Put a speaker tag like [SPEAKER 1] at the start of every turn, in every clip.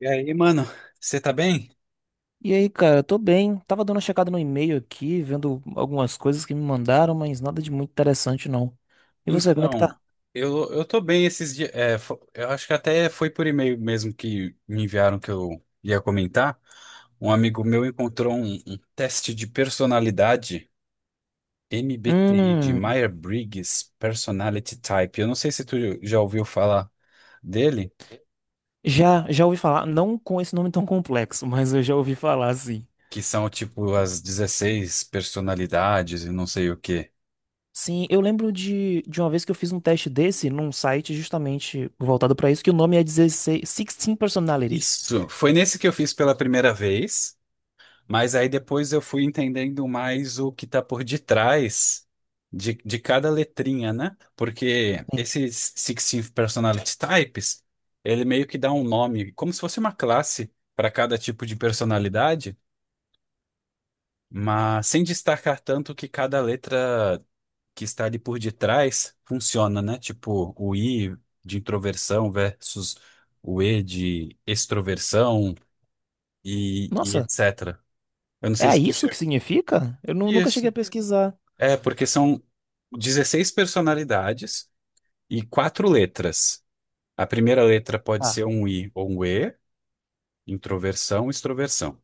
[SPEAKER 1] E aí, mano, você tá bem?
[SPEAKER 2] E aí, cara, tô bem. Tava dando uma checada no e-mail aqui, vendo algumas coisas que me mandaram, mas nada de muito interessante, não. E você, como é que
[SPEAKER 1] Então,
[SPEAKER 2] tá?
[SPEAKER 1] eu tô bem esses dias. Eu acho que até foi por e-mail mesmo que me enviaram que eu ia comentar. Um amigo meu encontrou um teste de personalidade MBTI de
[SPEAKER 2] Hum,
[SPEAKER 1] Myers-Briggs Personality Type. Eu não sei se tu já ouviu falar dele,
[SPEAKER 2] já ouvi falar, não com esse nome tão complexo, mas eu já ouvi falar, sim.
[SPEAKER 1] que são tipo as 16 personalidades e não sei o quê.
[SPEAKER 2] Sim, eu lembro de uma vez que eu fiz um teste desse num site justamente voltado pra isso, que o nome é 16 Personalities.
[SPEAKER 1] Isso, foi nesse que eu fiz pela primeira vez. Mas aí depois eu fui entendendo mais o que está por detrás de cada letrinha, né? Porque esses sixteen personality types, ele meio que dá um nome, como se fosse uma classe para cada tipo de personalidade, mas sem destacar tanto que cada letra que está ali por detrás funciona, né? Tipo, o I de introversão versus o E de extroversão e
[SPEAKER 2] Nossa,
[SPEAKER 1] etc. Eu não sei
[SPEAKER 2] é
[SPEAKER 1] se tu
[SPEAKER 2] isso que
[SPEAKER 1] chegou.
[SPEAKER 2] significa? Nunca cheguei
[SPEAKER 1] Isso.
[SPEAKER 2] a pesquisar.
[SPEAKER 1] É, porque são 16 personalidades e quatro letras. A primeira letra pode
[SPEAKER 2] Tá.
[SPEAKER 1] ser um I ou um E, introversão, extroversão.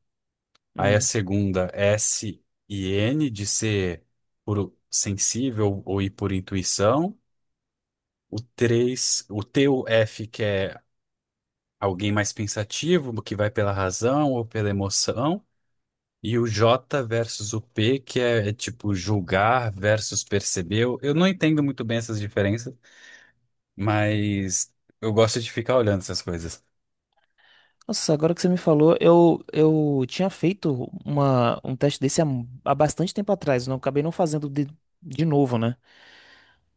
[SPEAKER 1] Aí a
[SPEAKER 2] Hum.
[SPEAKER 1] segunda, S e N, de ser por sensível ou ir por intuição. O 3, o T ou F, que é alguém mais pensativo, que vai pela razão ou pela emoção. E o J versus o P, que é tipo julgar versus perceber. Eu não entendo muito bem essas diferenças, mas eu gosto de ficar olhando essas coisas.
[SPEAKER 2] Nossa, agora que você me falou, eu tinha feito um teste desse há, há bastante tempo atrás, não acabei não fazendo de novo, né?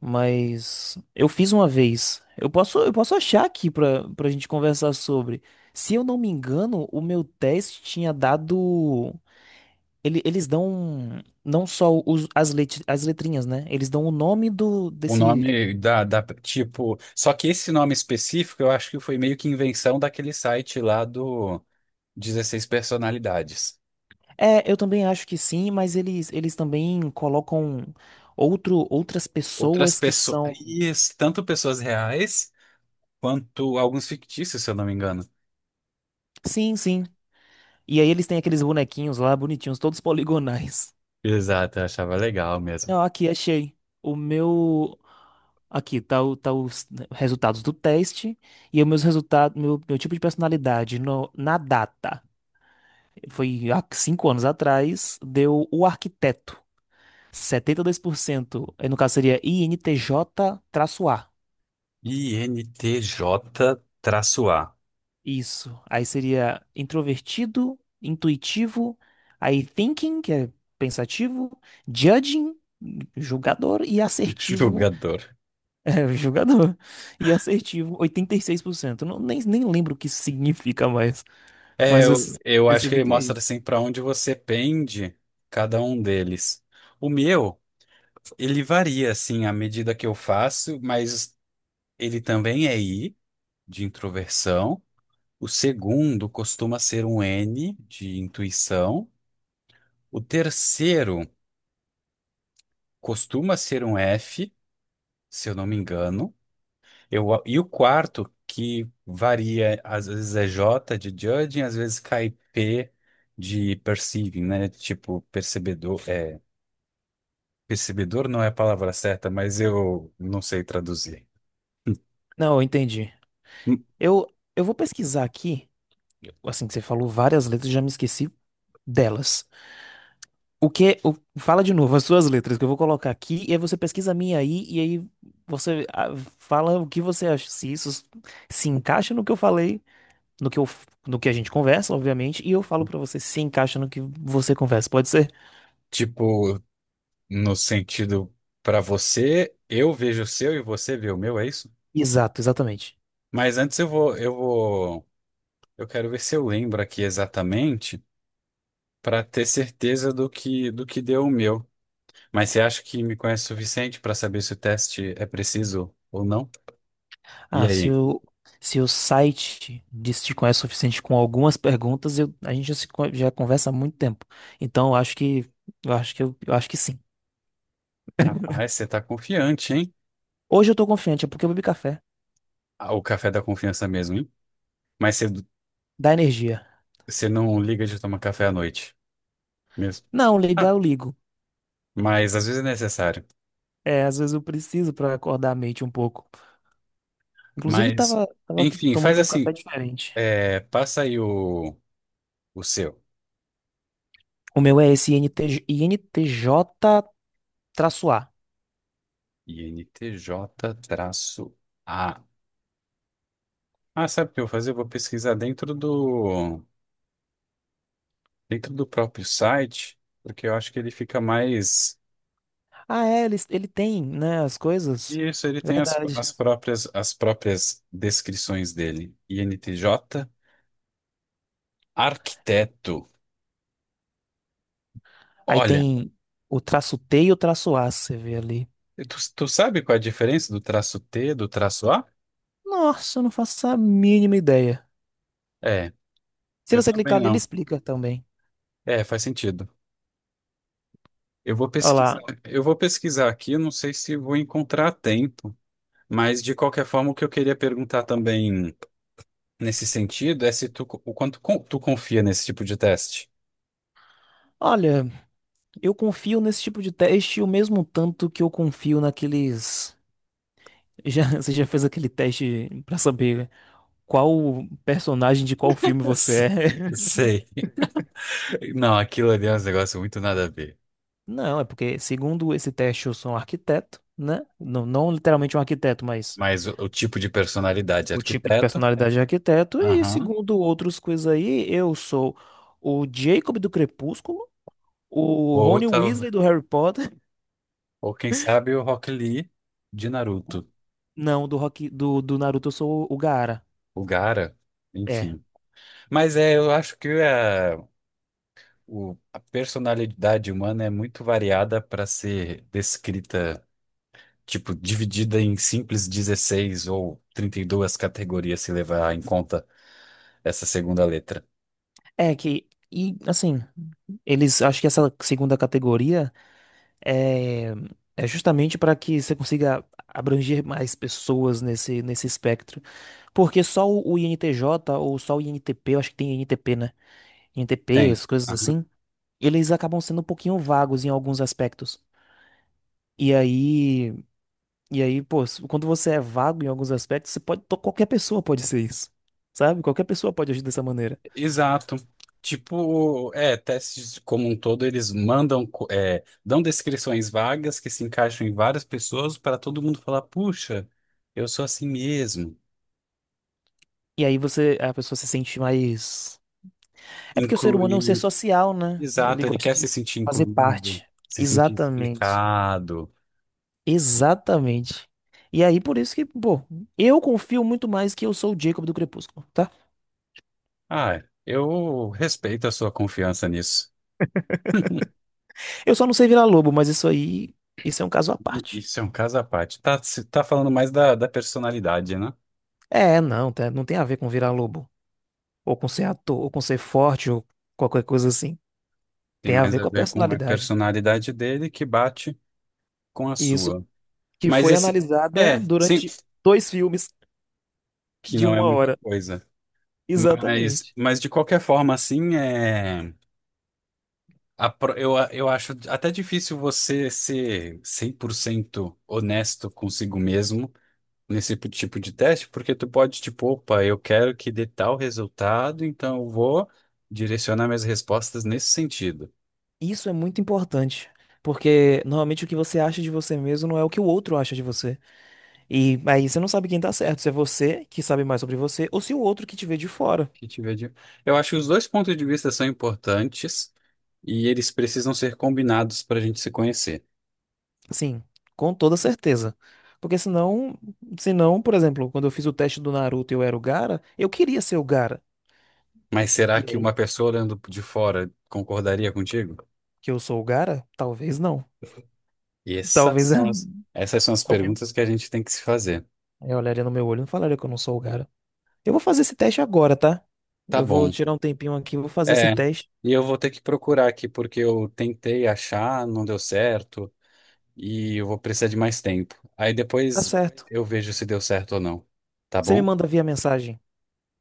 [SPEAKER 2] Mas eu fiz uma vez. Eu posso achar aqui pra, pra gente conversar sobre. Se eu não me engano, o meu teste tinha dado. Ele, eles dão não só as letrinhas, né? Eles dão o nome do,
[SPEAKER 1] O
[SPEAKER 2] desse.
[SPEAKER 1] nome tipo, só que esse nome específico eu acho que foi meio que invenção daquele site lá do 16 personalidades.
[SPEAKER 2] É, eu também acho que sim, mas eles também colocam outras
[SPEAKER 1] Outras
[SPEAKER 2] pessoas que
[SPEAKER 1] pessoas,
[SPEAKER 2] são.
[SPEAKER 1] isso, tanto pessoas reais quanto alguns fictícios, se eu não me engano.
[SPEAKER 2] Sim, sim. E aí eles têm aqueles bonequinhos lá, bonitinhos, todos poligonais.
[SPEAKER 1] Exato, eu achava legal mesmo.
[SPEAKER 2] Não, aqui, achei. O meu. Aqui, tá, tá os resultados do teste e o meus resultados, meu tipo de personalidade no, na data. Foi há cinco anos atrás, deu o arquiteto. Setenta e dois por cento. No caso seria INTJ-A.
[SPEAKER 1] INTJ-A,
[SPEAKER 2] Isso. Aí seria introvertido, intuitivo, aí thinking, que é pensativo, judging, julgador, e assertivo.
[SPEAKER 1] jogador.
[SPEAKER 2] É, julgador, e assertivo, oitenta e seis por cento. Não, nem lembro o que isso significa mais,
[SPEAKER 1] É,
[SPEAKER 2] mas
[SPEAKER 1] eu, eu acho que
[SPEAKER 2] percebi
[SPEAKER 1] ele
[SPEAKER 2] que é
[SPEAKER 1] mostra
[SPEAKER 2] isso.
[SPEAKER 1] assim para onde você pende cada um deles. O meu Ele varia, assim, à medida que eu faço, mas ele também é I, de introversão. O segundo costuma ser um N, de intuição. O terceiro costuma ser um F, se eu não me engano. E o quarto, que varia, às vezes é J, de judging, às vezes cai P, de perceiving, né? Tipo, percebedor, Percebedor não é a palavra certa, mas eu não sei traduzir.
[SPEAKER 2] Não, eu entendi.
[SPEAKER 1] Hum.
[SPEAKER 2] Eu, eu vou pesquisar aqui, assim que você falou várias letras, já me esqueci delas. Fala de novo as suas letras que eu vou colocar aqui, e aí você pesquisa a minha aí, e aí você fala o que você acha, se isso se encaixa no que eu falei, no que eu, no que a gente conversa, obviamente, e eu falo pra você se encaixa no que você conversa, pode ser?
[SPEAKER 1] Tipo, no sentido para você, eu vejo o seu e você vê o meu, é isso?
[SPEAKER 2] Exato, exatamente.
[SPEAKER 1] Mas antes eu quero ver se eu lembro aqui exatamente para ter certeza do que deu o meu. Mas você acha que me conhece o suficiente para saber se o teste é preciso ou não? E
[SPEAKER 2] Ah, se
[SPEAKER 1] aí?
[SPEAKER 2] o, se o site disse te conhece o suficiente com algumas perguntas, a gente já, se con- já conversa há muito tempo. Então, eu acho que sim.
[SPEAKER 1] Rapaz, você tá confiante, hein?
[SPEAKER 2] Hoje eu tô confiante, é porque eu bebi café.
[SPEAKER 1] Ah, o café da confiança mesmo, hein? Mas você,
[SPEAKER 2] Dá energia.
[SPEAKER 1] você não liga de tomar café à noite mesmo.
[SPEAKER 2] Não, ligar eu
[SPEAKER 1] Ah,
[SPEAKER 2] ligo.
[SPEAKER 1] mas às vezes é necessário.
[SPEAKER 2] É, às vezes eu preciso pra acordar a mente um pouco. Inclusive,
[SPEAKER 1] Mas,
[SPEAKER 2] tava
[SPEAKER 1] enfim, faz
[SPEAKER 2] tomando um café
[SPEAKER 1] assim.
[SPEAKER 2] diferente.
[SPEAKER 1] É, passa aí o seu.
[SPEAKER 2] O meu é esse INTJ-A.
[SPEAKER 1] INTJ-A. Ah, sabe o que eu vou fazer? Eu vou pesquisar dentro do próprio site, porque eu acho que ele fica mais.
[SPEAKER 2] Ah, é, ele tem, né, as coisas.
[SPEAKER 1] Isso, ele tem as,
[SPEAKER 2] Verdade.
[SPEAKER 1] as próprias, as próprias descrições dele. INTJ, arquiteto.
[SPEAKER 2] Aí
[SPEAKER 1] Olha,
[SPEAKER 2] tem o traço T e o traço A, você vê ali.
[SPEAKER 1] tu sabe qual é a diferença do traço T do traço A?
[SPEAKER 2] Nossa, eu não faço a mínima ideia.
[SPEAKER 1] É,
[SPEAKER 2] Se
[SPEAKER 1] eu
[SPEAKER 2] você clicar
[SPEAKER 1] também
[SPEAKER 2] ali, ele
[SPEAKER 1] não.
[SPEAKER 2] explica também.
[SPEAKER 1] É, faz sentido.
[SPEAKER 2] Olha lá.
[SPEAKER 1] Eu vou pesquisar aqui, eu não sei se vou encontrar a tempo. Mas de qualquer forma, o que eu queria perguntar também nesse sentido é se tu confia nesse tipo de teste.
[SPEAKER 2] Olha, eu confio nesse tipo de teste o mesmo tanto que eu confio naqueles. Já, você já fez aquele teste pra saber, né? Qual personagem de qual filme você
[SPEAKER 1] S-
[SPEAKER 2] é.
[SPEAKER 1] Sei. Não, aquilo ali é um negócio muito nada a ver.
[SPEAKER 2] Não, é porque, segundo esse teste, eu sou um arquiteto, né? Não, não literalmente um arquiteto, mas
[SPEAKER 1] Mas o tipo de personalidade,
[SPEAKER 2] o tipo de
[SPEAKER 1] arquiteto,
[SPEAKER 2] personalidade de arquiteto. E
[SPEAKER 1] aham.
[SPEAKER 2] segundo outras coisas aí, eu sou o Jacob do Crepúsculo, o
[SPEAKER 1] Ou
[SPEAKER 2] Rony
[SPEAKER 1] tal,
[SPEAKER 2] Weasley do Harry Potter.
[SPEAKER 1] ou quem sabe o Rock Lee de Naruto,
[SPEAKER 2] Não, do Naruto eu sou o Gaara.
[SPEAKER 1] o Gaara,
[SPEAKER 2] É.
[SPEAKER 1] enfim. Mas é, eu acho que a personalidade humana é muito variada para ser descrita, tipo, dividida em simples 16 ou 32 categorias, se levar em conta essa segunda letra.
[SPEAKER 2] É que. E assim, eles acho que essa segunda categoria. É, é justamente para que você consiga abranger mais pessoas nesse espectro. Porque o INTJ ou só o INTP, eu acho que tem INTP, né? INTP,
[SPEAKER 1] Tem.
[SPEAKER 2] essas coisas
[SPEAKER 1] Aham.
[SPEAKER 2] assim, eles acabam sendo um pouquinho vagos em alguns aspectos. E aí, e aí, pô, quando você é vago em alguns aspectos, qualquer pessoa pode ser isso. Sabe? Qualquer pessoa pode agir dessa maneira.
[SPEAKER 1] Exato. Tipo, é, testes como um todo, eles dão descrições vagas que se encaixam em várias pessoas para todo mundo falar, puxa, eu sou assim mesmo.
[SPEAKER 2] E aí você, a pessoa se sente mais. É porque o ser humano é um ser
[SPEAKER 1] Incluir,
[SPEAKER 2] social, né? Ele
[SPEAKER 1] exato, ele
[SPEAKER 2] gosta
[SPEAKER 1] quer
[SPEAKER 2] de
[SPEAKER 1] se sentir
[SPEAKER 2] fazer
[SPEAKER 1] incluído,
[SPEAKER 2] parte.
[SPEAKER 1] se sentir
[SPEAKER 2] Exatamente.
[SPEAKER 1] explicado.
[SPEAKER 2] Exatamente. E aí, por isso que, pô, eu confio muito mais que eu sou o Jacob do Crepúsculo, tá?
[SPEAKER 1] Ah, eu respeito a sua confiança nisso.
[SPEAKER 2] Eu só não sei virar lobo, mas isso aí, isso é um caso à parte.
[SPEAKER 1] Isso é um caso à parte. Tá, tá falando mais da personalidade, né?
[SPEAKER 2] É, não, não tem a ver com virar lobo, ou com ser ator, ou com ser forte, ou qualquer coisa assim.
[SPEAKER 1] Tem
[SPEAKER 2] Tem a
[SPEAKER 1] mais
[SPEAKER 2] ver
[SPEAKER 1] a
[SPEAKER 2] com a
[SPEAKER 1] ver com a
[SPEAKER 2] personalidade.
[SPEAKER 1] personalidade dele que bate com a
[SPEAKER 2] E isso
[SPEAKER 1] sua.
[SPEAKER 2] que
[SPEAKER 1] Mas
[SPEAKER 2] foi
[SPEAKER 1] esse.
[SPEAKER 2] analisada
[SPEAKER 1] É, sim,
[SPEAKER 2] durante dois filmes
[SPEAKER 1] que
[SPEAKER 2] de
[SPEAKER 1] não é
[SPEAKER 2] uma
[SPEAKER 1] muita
[SPEAKER 2] hora.
[SPEAKER 1] coisa. Mas,
[SPEAKER 2] Exatamente.
[SPEAKER 1] mas de qualquer forma, assim, é, eu acho até difícil você ser 100% honesto consigo mesmo nesse tipo de teste, porque tu pode, tipo, opa, eu quero que dê tal resultado, então eu vou direcionar minhas respostas nesse sentido.
[SPEAKER 2] Isso é muito importante, porque normalmente o que você acha de você mesmo não é o que o outro acha de você. E aí você não sabe quem tá certo, se é você que sabe mais sobre você ou se o outro que te vê de fora.
[SPEAKER 1] Que tiver de... Eu acho que os dois pontos de vista são importantes e eles precisam ser combinados para a gente se conhecer.
[SPEAKER 2] Sim, com toda certeza. Porque senão, por exemplo, quando eu fiz o teste do Naruto e eu era o Gaara, eu queria ser o Gaara.
[SPEAKER 1] Mas será
[SPEAKER 2] E
[SPEAKER 1] que
[SPEAKER 2] aí
[SPEAKER 1] uma pessoa olhando de fora concordaria contigo?
[SPEAKER 2] que eu sou o Gara? Talvez não.
[SPEAKER 1] E
[SPEAKER 2] Talvez.
[SPEAKER 1] essas são as
[SPEAKER 2] Talvez,
[SPEAKER 1] perguntas que a gente tem que se fazer.
[SPEAKER 2] eu olharia no meu olho e não falaria que eu não sou o Gara. Eu vou fazer esse teste agora, tá?
[SPEAKER 1] Tá
[SPEAKER 2] Eu vou
[SPEAKER 1] bom.
[SPEAKER 2] tirar um tempinho aqui, vou fazer esse
[SPEAKER 1] É,
[SPEAKER 2] teste.
[SPEAKER 1] e eu vou ter que procurar aqui, porque eu tentei achar, não deu certo. E eu vou precisar de mais tempo. Aí
[SPEAKER 2] Tá
[SPEAKER 1] depois
[SPEAKER 2] certo.
[SPEAKER 1] eu vejo se deu certo ou não. Tá
[SPEAKER 2] Você me
[SPEAKER 1] bom?
[SPEAKER 2] manda via mensagem,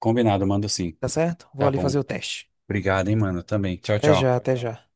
[SPEAKER 1] Combinado, mando sim.
[SPEAKER 2] tá certo? Vou
[SPEAKER 1] Tá
[SPEAKER 2] ali
[SPEAKER 1] bom.
[SPEAKER 2] fazer o teste.
[SPEAKER 1] Obrigado, hein, mano. Também. Tchau,
[SPEAKER 2] Até
[SPEAKER 1] tchau.
[SPEAKER 2] já, até já.